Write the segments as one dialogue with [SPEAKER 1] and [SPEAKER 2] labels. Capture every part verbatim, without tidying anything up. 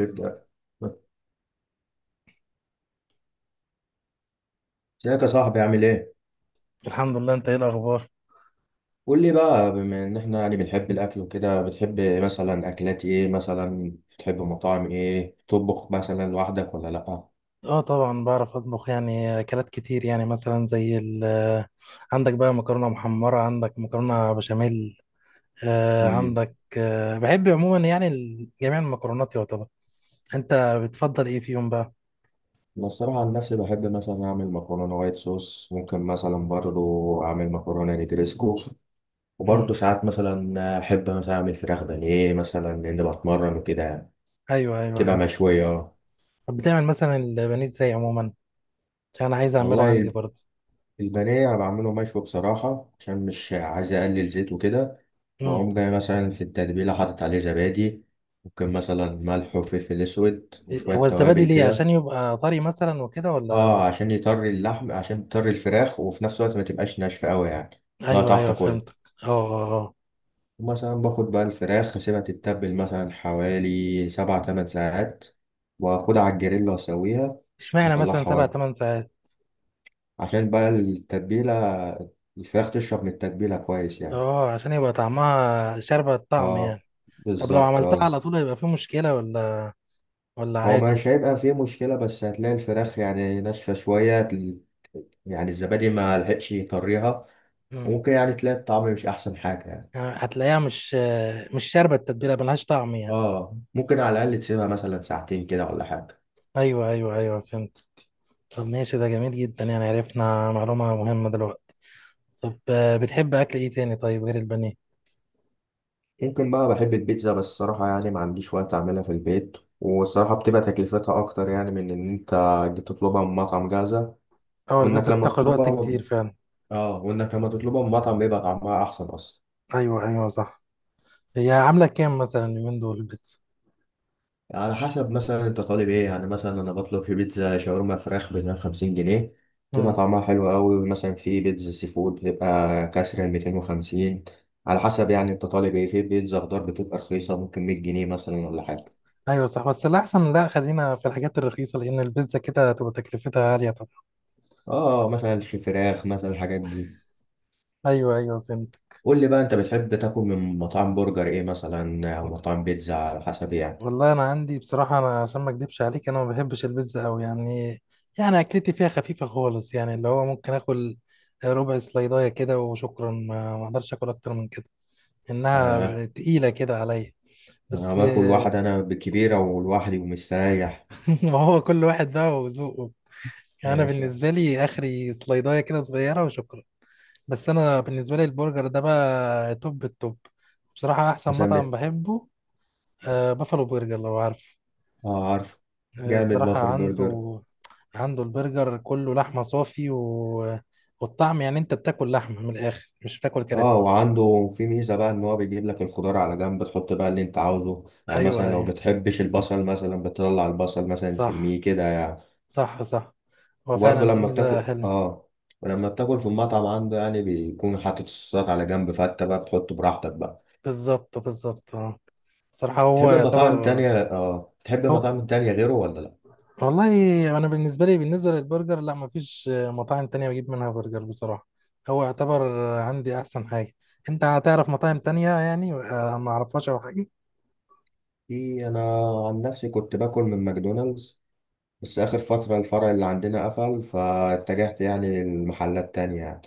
[SPEAKER 1] يبدأ. ازيك يا صاحبي؟ عامل ايه؟
[SPEAKER 2] الحمد لله، انت ايه الاخبار؟
[SPEAKER 1] قول لي بقى، بما ان احنا يعني بنحب الاكل وكده، بتحب مثلا اكلات ايه؟ مثلا بتحب مطاعم ايه؟ تطبخ مثلا لوحدك ولا لأ؟
[SPEAKER 2] اه طبعا بعرف اطبخ، يعني اكلات كتير. يعني مثلا زي ال آه، عندك بقى مكرونه محمره، عندك مكرونه بشاميل. آه
[SPEAKER 1] امم.
[SPEAKER 2] عندك، آه بحب عموما يعني ال- جميع المكرونات يعتبر. انت بتفضل ايه فيهم بقى؟
[SPEAKER 1] انا الصراحة عن نفسي بحب مثلا اعمل مكرونة وايت صوص، ممكن مثلا برضو اعمل مكرونة نجريسكو،
[SPEAKER 2] مم.
[SPEAKER 1] وبرضو ساعات مثلا احب مثلا اعمل فراخ بانيه مثلا لان بتمرن وكده يعني.
[SPEAKER 2] ايوه ايوه
[SPEAKER 1] تبقى
[SPEAKER 2] ايوه.
[SPEAKER 1] مشوية.
[SPEAKER 2] طب بتعمل مثلا البانيه ازاي عموما؟ عشان انا عايز اعمله
[SPEAKER 1] والله
[SPEAKER 2] عندي برضه.
[SPEAKER 1] البانيه انا بعمله مشوي بصراحه عشان مش عايز اقلل زيت وكده.
[SPEAKER 2] مم.
[SPEAKER 1] بقوم جاي مثلا في التتبيله حاطط عليه زبادي، ممكن مثلا ملح وفلفل اسود وشويه
[SPEAKER 2] هو الزبادي
[SPEAKER 1] توابل
[SPEAKER 2] ليه؟ عشان
[SPEAKER 1] كده.
[SPEAKER 2] يبقى طري مثلا وكده ولا ولا-؟
[SPEAKER 1] اه عشان يطري اللحم، عشان يطري الفراخ، وفي نفس الوقت ما تبقاش ناشفه قوي يعني، لا
[SPEAKER 2] ايوه
[SPEAKER 1] تعرف
[SPEAKER 2] ايوه
[SPEAKER 1] تاكلها.
[SPEAKER 2] فهمتك. اه اه اه.
[SPEAKER 1] مثلا باخد بقى الفراخ اسيبها تتبل مثلا حوالي سبع تمن ساعات، واخدها على الجريل واسويها
[SPEAKER 2] اشمعنى مثلا
[SPEAKER 1] واطلعها
[SPEAKER 2] سبع
[SPEAKER 1] واكل،
[SPEAKER 2] ثمان ساعات؟
[SPEAKER 1] عشان بقى التتبيله، الفراخ تشرب من التتبيله كويس يعني.
[SPEAKER 2] اه، عشان يبقى طعمها شاربة الطعم
[SPEAKER 1] اه،
[SPEAKER 2] يعني. طب لو
[SPEAKER 1] بالظبط
[SPEAKER 2] عملتها
[SPEAKER 1] اه.
[SPEAKER 2] على طول هيبقى في مشكلة ولا ولا
[SPEAKER 1] هو
[SPEAKER 2] عادي؟
[SPEAKER 1] مش هيبقى فيه مشكلة، بس هتلاقي الفراخ يعني ناشفة شوية، تل- يعني الزبادي ما لحقش يطريها،
[SPEAKER 2] مم.
[SPEAKER 1] وممكن يعني تلاقي الطعم مش أحسن حاجة يعني.
[SPEAKER 2] يعني هتلاقيها مش، مش شاربة التتبيلة، ملهاش طعم يعني.
[SPEAKER 1] اه، ممكن على الأقل تسيبها مثلا ساعتين كده ولا حاجة.
[SPEAKER 2] ايوه ايوه ايوه فهمت. طب ماشي، ده جميل جدا، يعني عرفنا معلومة مهمة دلوقتي. طب آه، بتحب اكل ايه تاني طيب غير البانيه؟
[SPEAKER 1] ممكن بقى بحب البيتزا، بس الصراحة يعني ما عنديش وقت أعملها في البيت، والصراحة بتبقى تكلفتها أكتر يعني من إن أنت تطلبها من مطعم جاهزة.
[SPEAKER 2] اه،
[SPEAKER 1] وإنك
[SPEAKER 2] البيتزا
[SPEAKER 1] لما
[SPEAKER 2] بتاخد وقت
[SPEAKER 1] تطلبها من...
[SPEAKER 2] كتير فعلا.
[SPEAKER 1] اه وإنك لما تطلبها من مطعم بيبقى طعمها أحسن أصلا.
[SPEAKER 2] ايوه ايوه صح. هي عاملة كام مثلا اليومين دول البيتزا؟
[SPEAKER 1] على حسب مثلا انت طالب ايه يعني، مثلا انا بطلب في بيتزا شاورما فراخ ب مية وخمسين جنيه، بتبقى
[SPEAKER 2] مم.
[SPEAKER 1] طعمها حلو قوي. مثلا في بيتزا سي فود بتبقى كسر ال ميتين وخمسين، على حسب يعني انت طالب ايه. في بيتزا خضار بتبقى رخيصة، ممكن مية جنيه مثلا ولا حاجة.
[SPEAKER 2] ايوه صح، بس الاحسن لا، خلينا في الحاجات الرخيصة، لان البيتزا كده هتبقى تكلفتها عالية طبعا.
[SPEAKER 1] اه مثلا في فراخ، مثلا الحاجات دي.
[SPEAKER 2] ايوه ايوه فهمت.
[SPEAKER 1] قول لي بقى، انت بتحب تاكل من مطاعم برجر ايه مثلا، او مطاعم بيتزا، على حسب يعني.
[SPEAKER 2] والله انا عندي بصراحه، انا عشان ما اكدبش عليك، انا ما بحبش البيتزا قوي يعني. يعني اكلتي فيها خفيفه خالص، يعني اللي هو ممكن اكل ربع سلايدايه كده وشكرا، ما ما اقدرش اكل اكتر من كده. انها
[SPEAKER 1] آه،
[SPEAKER 2] تقيله كده عليا.
[SPEAKER 1] انا
[SPEAKER 2] بس
[SPEAKER 1] باكل واحد انا بالكبيرة ولوحدي ومستريح.
[SPEAKER 2] ما هو كل واحد بقى وذوقه. يعني انا
[SPEAKER 1] ماشي.
[SPEAKER 2] بالنسبه لي اخري سلايدايه كده صغيره وشكرا. بس انا بالنسبه لي البرجر ده بقى توب التوب، بصراحه احسن
[SPEAKER 1] مثلا
[SPEAKER 2] مطعم
[SPEAKER 1] بت-
[SPEAKER 2] بحبه. آه، بافالو برجر لو عارفه.
[SPEAKER 1] اه عارف.
[SPEAKER 2] آه،
[SPEAKER 1] جامد
[SPEAKER 2] صراحة
[SPEAKER 1] بافر برجر.
[SPEAKER 2] عنده، عنده البرجر كله لحمة صافي و... والطعم، يعني انت بتاكل لحمة من الآخر، مش بتاكل
[SPEAKER 1] اه،
[SPEAKER 2] كراتين.
[SPEAKER 1] وعنده في ميزة بقى ان هو بيجيب لك الخضار على جنب، تحط بقى اللي انت عاوزه، يعني
[SPEAKER 2] ايوه
[SPEAKER 1] مثلا لو
[SPEAKER 2] ايوه
[SPEAKER 1] بتحبش البصل مثلا بتطلع البصل مثلا
[SPEAKER 2] صح.
[SPEAKER 1] ترميه كده يعني.
[SPEAKER 2] صح صح. هو
[SPEAKER 1] وبرضه
[SPEAKER 2] فعلا دي
[SPEAKER 1] لما
[SPEAKER 2] ميزة
[SPEAKER 1] بتاكل
[SPEAKER 2] حلوة.
[SPEAKER 1] اه ولما بتاكل في المطعم عنده يعني، بيكون حاطط الصوصات على جنب، فانت بقى بتحط براحتك بقى.
[SPEAKER 2] بالظبط بالظبط اه. الصراحة هو
[SPEAKER 1] تحب مطاعم
[SPEAKER 2] يعتبر.
[SPEAKER 1] تانية؟ اه، تحب
[SPEAKER 2] هو،
[SPEAKER 1] مطاعم تانية غيره ولا لا؟
[SPEAKER 2] والله انا بالنسبة لي، بالنسبة للبرجر لا، مفيش مطاعم تانية بجيب منها برجر بصراحة. هو يعتبر عندي احسن حاجة. انت هتعرف مطاعم تانية يعني آه، ما اعرفهاش او حاجة؟
[SPEAKER 1] في انا، عن نفسي كنت باكل من ماكدونالدز، بس اخر فترة الفرع اللي عندنا قفل، فاتجهت يعني لمحلات تانية يعني.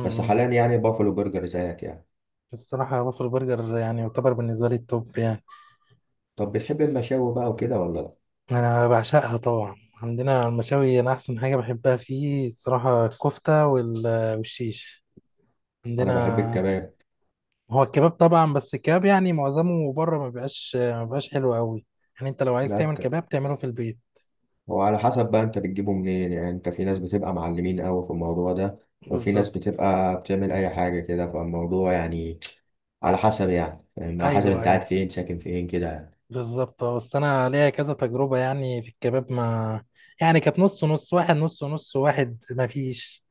[SPEAKER 1] بس حاليا يعني بافلو برجر زيك يعني.
[SPEAKER 2] الصراحة وافل برجر يعني يعتبر بالنسبة لي التوب يعني.
[SPEAKER 1] طب بتحب المشاوي بقى وكده ولا لا؟
[SPEAKER 2] أنا بعشقها طبعا. عندنا المشاوي، أنا أحسن حاجة بحبها فيه الصراحة الكفتة وال- والشيش
[SPEAKER 1] انا بحب
[SPEAKER 2] عندنا.
[SPEAKER 1] الكباب.
[SPEAKER 2] هو الكباب طبعا، بس الكباب يعني معظمه بره ما بيبقاش ما بيبقاش حلو قوي. يعني أنت لو عايز
[SPEAKER 1] لا
[SPEAKER 2] تعمل
[SPEAKER 1] ك-
[SPEAKER 2] كباب تعمله في البيت.
[SPEAKER 1] هو على حسب بقى انت بتجيبه منين يعني، انت في ناس بتبقى معلمين قوي في الموضوع ده، وفي ناس
[SPEAKER 2] بالظبط.
[SPEAKER 1] بتبقى بتعمل اي حاجه كده فالموضوع يعني. على حسب يعني، فاهم؟ على حسب
[SPEAKER 2] أيوه
[SPEAKER 1] انت قاعد
[SPEAKER 2] أيوه
[SPEAKER 1] فين، ساكن فين كده يعني.
[SPEAKER 2] بالظبط اه، بس انا ليا كذا تجربه يعني في الكباب، ما يعني كانت نص نص، واحد نص نص، واحد ما فيش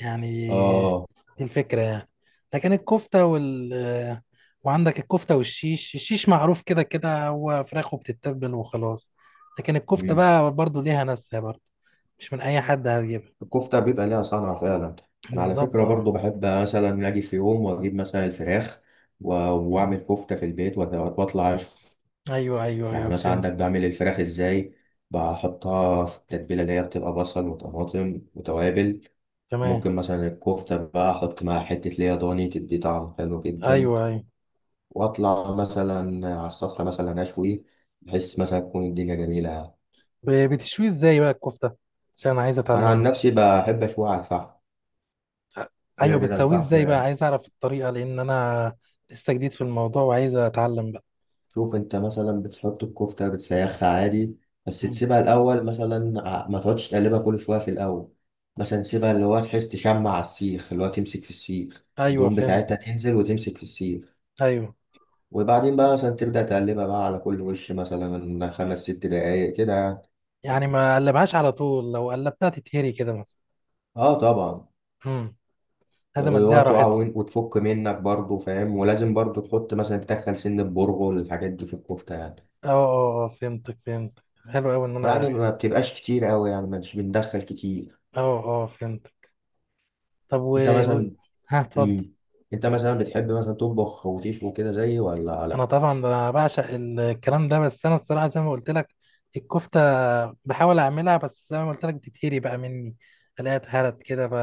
[SPEAKER 2] يعني.
[SPEAKER 1] اه.
[SPEAKER 2] دي الفكره يعني. لكن الكفته وال، وعندك الكفته والشيش، الشيش معروف كده كده هو فراخ وبتتبل وخلاص. لكن الكفته
[SPEAKER 1] مم.
[SPEAKER 2] بقى برضو ليها ناسها برضو، مش من اي حد هتجيبها.
[SPEAKER 1] الكفته بيبقى ليها صنعه فعلا. انا على
[SPEAKER 2] بالظبط
[SPEAKER 1] فكره
[SPEAKER 2] اه.
[SPEAKER 1] برضو بحب مثلا اجي في يوم واجيب مثلا الفراخ و- واعمل كفته في البيت، وأت- واطلع.
[SPEAKER 2] ايوه ايوه ايوه
[SPEAKER 1] يعني مثلا عندك
[SPEAKER 2] فهمت.
[SPEAKER 1] بعمل الفراخ ازاي: بحطها في التتبيله اللي هي بتبقى بصل وطماطم وتوابل،
[SPEAKER 2] تمام.
[SPEAKER 1] وممكن مثلا الكفته بقى احط معاها حته ليا ضاني، تدي طعم حلو جدا.
[SPEAKER 2] ايوه ايوه.
[SPEAKER 1] واطلع مثلا على السفره مثلا اشوي، بحس مثلا تكون الدنيا جميله.
[SPEAKER 2] ب- بتشوي ازاي بقى الكفته؟ عشان انا عايز
[SPEAKER 1] انا عن
[SPEAKER 2] اتعلمه.
[SPEAKER 1] نفسي بحب اشوي على الفحم، كده
[SPEAKER 2] ايوه
[SPEAKER 1] كده
[SPEAKER 2] بتسويه
[SPEAKER 1] الفحم.
[SPEAKER 2] ازاي بقى؟ عايز اعرف الطريقه، لان انا لسه جديد في الموضوع وعايز اتعلم بقى.
[SPEAKER 1] شوف انت مثلا بتحط الكفتة بتسيخها عادي، بس
[SPEAKER 2] مم.
[SPEAKER 1] تسيبها الأول مثلا، ع- ما تقعدش تقلبها كل شوية في الأول. مثلا سيبها اللي هو تحس تشمع على السيخ، اللي هو تمسك في السيخ،
[SPEAKER 2] ايوه
[SPEAKER 1] الدهون بتاعتها
[SPEAKER 2] فهمت.
[SPEAKER 1] تنزل وتمسك في السيخ،
[SPEAKER 2] ايوه،
[SPEAKER 1] وبعدين بقى مثلا تبدأ تقلبها بقى على كل وش، مثلا خمس ست دقايق كده يعني.
[SPEAKER 2] يعني ما قلبهاش على طول، لو قلبتها تتهري كده مثلا.
[SPEAKER 1] اه طبعا.
[SPEAKER 2] مم. لازم
[SPEAKER 1] اللي هو
[SPEAKER 2] اديها
[SPEAKER 1] تقع
[SPEAKER 2] راحتها.
[SPEAKER 1] وين- وتفك منك برضه، فاهم، ولازم برضه تحط مثلا، تدخل سن البرغل، الحاجات دي في الكفتة يعني.
[SPEAKER 2] اه اه اه فهمتك فهمتك. حلو قوي ان انا.
[SPEAKER 1] ويعني ما بتبقاش كتير قوي يعني، مش بندخل كتير.
[SPEAKER 2] اه اه فهمتك. طب و...
[SPEAKER 1] انت
[SPEAKER 2] و...
[SPEAKER 1] مثلا
[SPEAKER 2] ها اتفضل.
[SPEAKER 1] امم انت مثلا بتحب مثلا تطبخ وتشوي كده زيي ولا
[SPEAKER 2] انا
[SPEAKER 1] لا؟
[SPEAKER 2] طبعا ده انا بعشق الكلام ده، بس انا الصراحه زي ما قلت لك، الكفته بحاول اعملها، بس زي ما قلت لك بتتهري بقى مني، الاقيها اتهرت كده ف...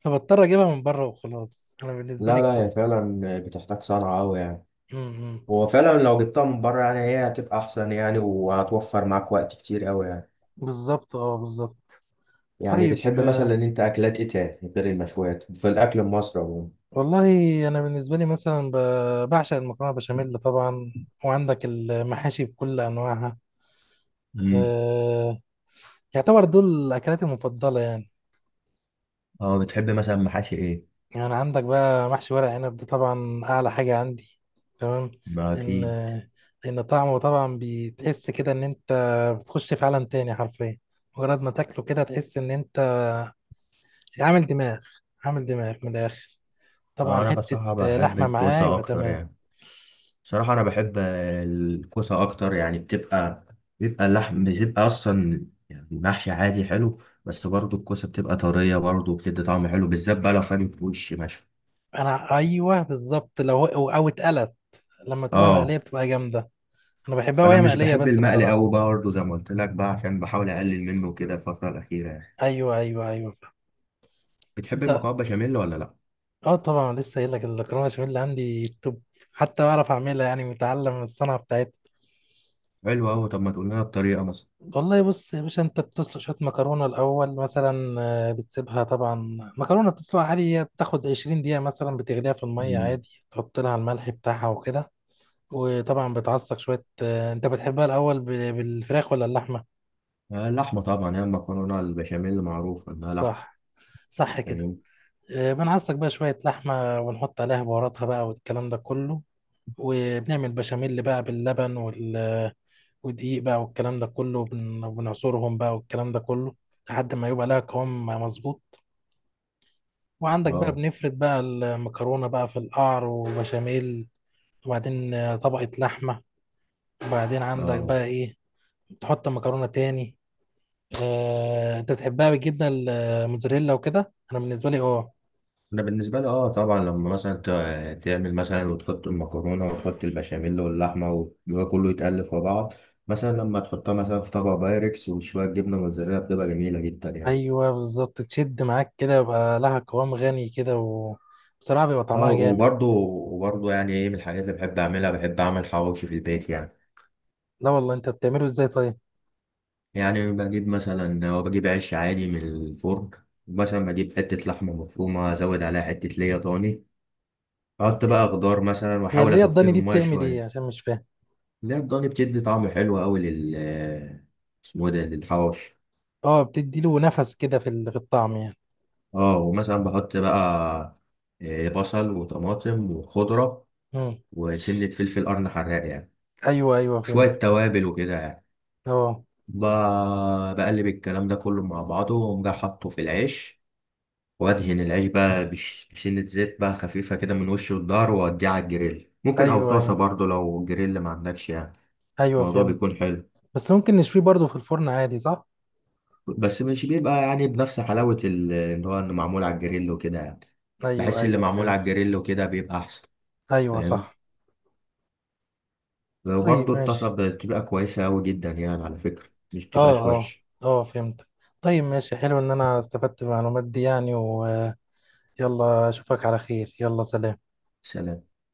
[SPEAKER 2] فبضطر اجيبها من بره وخلاص. انا بالنسبه لي
[SPEAKER 1] لا لا هي
[SPEAKER 2] الكفته.
[SPEAKER 1] فعلا بتحتاج صنعة أوي يعني.
[SPEAKER 2] امم.
[SPEAKER 1] هو فعلا لو جبتها من بره يعني هي هتبقى أحسن يعني، وهتوفر معاك وقت كتير أوي يعني.
[SPEAKER 2] بالظبط اه بالظبط.
[SPEAKER 1] يعني
[SPEAKER 2] طيب
[SPEAKER 1] بتحب مثلا
[SPEAKER 2] آه،
[SPEAKER 1] إن أنت أكلات إيه تاني غير المشويات في الأكل المصري عموما؟
[SPEAKER 2] والله انا بالنسبه لي مثلا ب- بعشق المكرونه بشاميل طبعا، وعندك المحاشي بكل انواعها.
[SPEAKER 1] امم.
[SPEAKER 2] آه، يعتبر دول اكلاتي المفضله يعني.
[SPEAKER 1] اه، بتحب مثلا محاشي ايه؟
[SPEAKER 2] يعني عندك بقى محشي ورق عنب، ده طبعا اعلى حاجه عندي. تمام.
[SPEAKER 1] ما
[SPEAKER 2] ان
[SPEAKER 1] اكيد.
[SPEAKER 2] ان طعمه طبعا بتحس كده ان انت بتخش في عالم تاني حرفيا. مجرد ما تاكله كده تحس ان انت عامل دماغ، عامل دماغ من الاخر.
[SPEAKER 1] آه،
[SPEAKER 2] طبعا
[SPEAKER 1] انا
[SPEAKER 2] حته
[SPEAKER 1] بصراحة بحب
[SPEAKER 2] لحمه معاه
[SPEAKER 1] الكوسة
[SPEAKER 2] يبقى
[SPEAKER 1] اكتر
[SPEAKER 2] تمام.
[SPEAKER 1] يعني. صراحة أنا بحب الكوسة أكتر يعني، بتبقى، بيبقى اللحم بتبقى أصلا يعني محشي عادي حلو، بس برضو الكوسة بتبقى طرية، برضو بتدي طعم حلو، بالذات بقى لو فاهم وش مشوي.
[SPEAKER 2] انا ايوه بالظبط، لو هو- او اتقلت، لما تبقى مقليه
[SPEAKER 1] أه.
[SPEAKER 2] بتبقى جامده. انا بحبها
[SPEAKER 1] أنا
[SPEAKER 2] وهي
[SPEAKER 1] مش
[SPEAKER 2] مقليه
[SPEAKER 1] بحب
[SPEAKER 2] بس
[SPEAKER 1] المقلي
[SPEAKER 2] بصراحه.
[SPEAKER 1] أوي بقى، برضو زي ما قلت لك بقى، عشان بحاول أقلل منه كده الفترة الأخيرة يعني.
[SPEAKER 2] ايوه ايوه ايوه.
[SPEAKER 1] بتحب
[SPEAKER 2] انت،
[SPEAKER 1] المكرونة بشاميل ولا لأ؟
[SPEAKER 2] اه طبعا لسه قايل لك، المكرونه بشاميل اللي عندي توب، حتى بعرف اعملها، يعني متعلم الصنعه بتاعتها.
[SPEAKER 1] حلو أوي، طب ما تقول لنا الطريقة مثلا.
[SPEAKER 2] والله بص يا باشا، انت بتسلق شويه مكرونه الاول مثلا. آه، بتسيبها طبعا، مكرونه بتسلقها عادي، هي بتاخد عشرين دقيقه مثلا، بتغليها في الميه
[SPEAKER 1] مم.
[SPEAKER 2] عادي، تحط لها الملح بتاعها وكده. وطبعا بتعصق شويه. آه، انت بتحبها الاول ب- بالفراخ ولا اللحمه؟
[SPEAKER 1] آه، اللحمة طبعا. هي المكرونة البشاميل معروف إنها لحمة.
[SPEAKER 2] صح. صح كده.
[SPEAKER 1] فاهم.
[SPEAKER 2] آه، بنعصق بقى شويه لحمه ونحط عليها بهاراتها بقى والكلام ده كله، وبنعمل بشاميل بقى باللبن وال، ودقيق بقى والكلام ده كله، بن- بنعصرهم بقى والكلام ده كله لحد ما يبقى لها قوام مظبوط. وعندك بقى
[SPEAKER 1] أه
[SPEAKER 2] بنفرد بقى المكرونة بقى في القعر وبشاميل، وبعدين آه، طبقة لحمة، وبعدين عندك
[SPEAKER 1] أه
[SPEAKER 2] بقى ايه، تحط المكرونة تاني. آه، انت بتحبها بالجبنة الموتزاريلا وكده؟ انا بالنسبة لي اه.
[SPEAKER 1] انا بالنسبه لي اه طبعا، لما مثلا ت- تعمل مثلا وتحط المكرونه وتحط البشاميل واللحمه وده كله يتقلب في بعض، مثلا لما تحطها مثلا في طبق بايركس وشويه جبنه موتزاريلا، بتبقى جميله جدا يعني.
[SPEAKER 2] ايوه بالظبط، تشد معاك كده يبقى لها قوام غني كده، وبصراحة بيبقى
[SPEAKER 1] اه،
[SPEAKER 2] طعمها جامد.
[SPEAKER 1] وبرضه وبرضه يعني ايه، من الحاجات اللي بحب اعملها، بحب اعمل حواوشي في البيت يعني.
[SPEAKER 2] لا والله، انت بتعمله ازاي طيب؟
[SPEAKER 1] يعني بجيب مثلا، هو بجيب عيش عادي من الفرن، مثلا بجيب حته لحمه مفرومه، ازود عليها حته ليا ضاني، احط بقى خضار مثلا،
[SPEAKER 2] هي
[SPEAKER 1] واحاول
[SPEAKER 2] اللي هي
[SPEAKER 1] اصفيه
[SPEAKER 2] الضاني
[SPEAKER 1] من
[SPEAKER 2] دي
[SPEAKER 1] الميه
[SPEAKER 2] بتعمل ايه؟
[SPEAKER 1] شويه.
[SPEAKER 2] عشان مش فاهم.
[SPEAKER 1] لا الضاني بتدي طعم حلو قوي لل، اسمه إيه ده، للحواوشي.
[SPEAKER 2] اه، بتدي له نفس كده في ال- في الطعم يعني.
[SPEAKER 1] اه، ومثلا بحط بقى آه، بصل وطماطم وخضرة
[SPEAKER 2] مم.
[SPEAKER 1] وسنة فلفل قرن حراق يعني،
[SPEAKER 2] ايوه ايوه
[SPEAKER 1] شوية
[SPEAKER 2] فهمت.
[SPEAKER 1] توابل وكده يعني.
[SPEAKER 2] اه.
[SPEAKER 1] ب- بقلب الكلام ده كله مع بعضه، وأقوم جاي حاطه في العيش، وأدهن العيش بقى بش- بسنة زيت بقى خفيفة كده من وش الظهر، وأوديه على الجريل ممكن، أو
[SPEAKER 2] ايوه
[SPEAKER 1] طاسة
[SPEAKER 2] ايوه
[SPEAKER 1] برضه لو جريل ما عندكش يعني.
[SPEAKER 2] ايوه
[SPEAKER 1] الموضوع
[SPEAKER 2] فهمت.
[SPEAKER 1] بيكون حلو.
[SPEAKER 2] بس ممكن نشويه برضه في الفرن عادي، صح؟
[SPEAKER 1] بس مش بيبقى يعني بنفس حلاوة ال- اللي هو انه معمول على الجريل وكده يعني.
[SPEAKER 2] ايوه
[SPEAKER 1] بحس اللي
[SPEAKER 2] ايوه
[SPEAKER 1] معمول على
[SPEAKER 2] فهمت.
[SPEAKER 1] الجريل وكده بيبقى احسن،
[SPEAKER 2] ايوه
[SPEAKER 1] فاهم.
[SPEAKER 2] صح.
[SPEAKER 1] وبرضه
[SPEAKER 2] طيب
[SPEAKER 1] الطاسة
[SPEAKER 2] ماشي.
[SPEAKER 1] بتبقى كويسة أوي جدا يعني، على فكرة مش بتبقاش
[SPEAKER 2] اه اه
[SPEAKER 1] وحش.
[SPEAKER 2] اه فهمت. طيب ماشي، حلو ان انا استفدت من المعلومات دي يعني. ويلا، اشوفك على خير، يلا سلام.
[SPEAKER 1] سلام.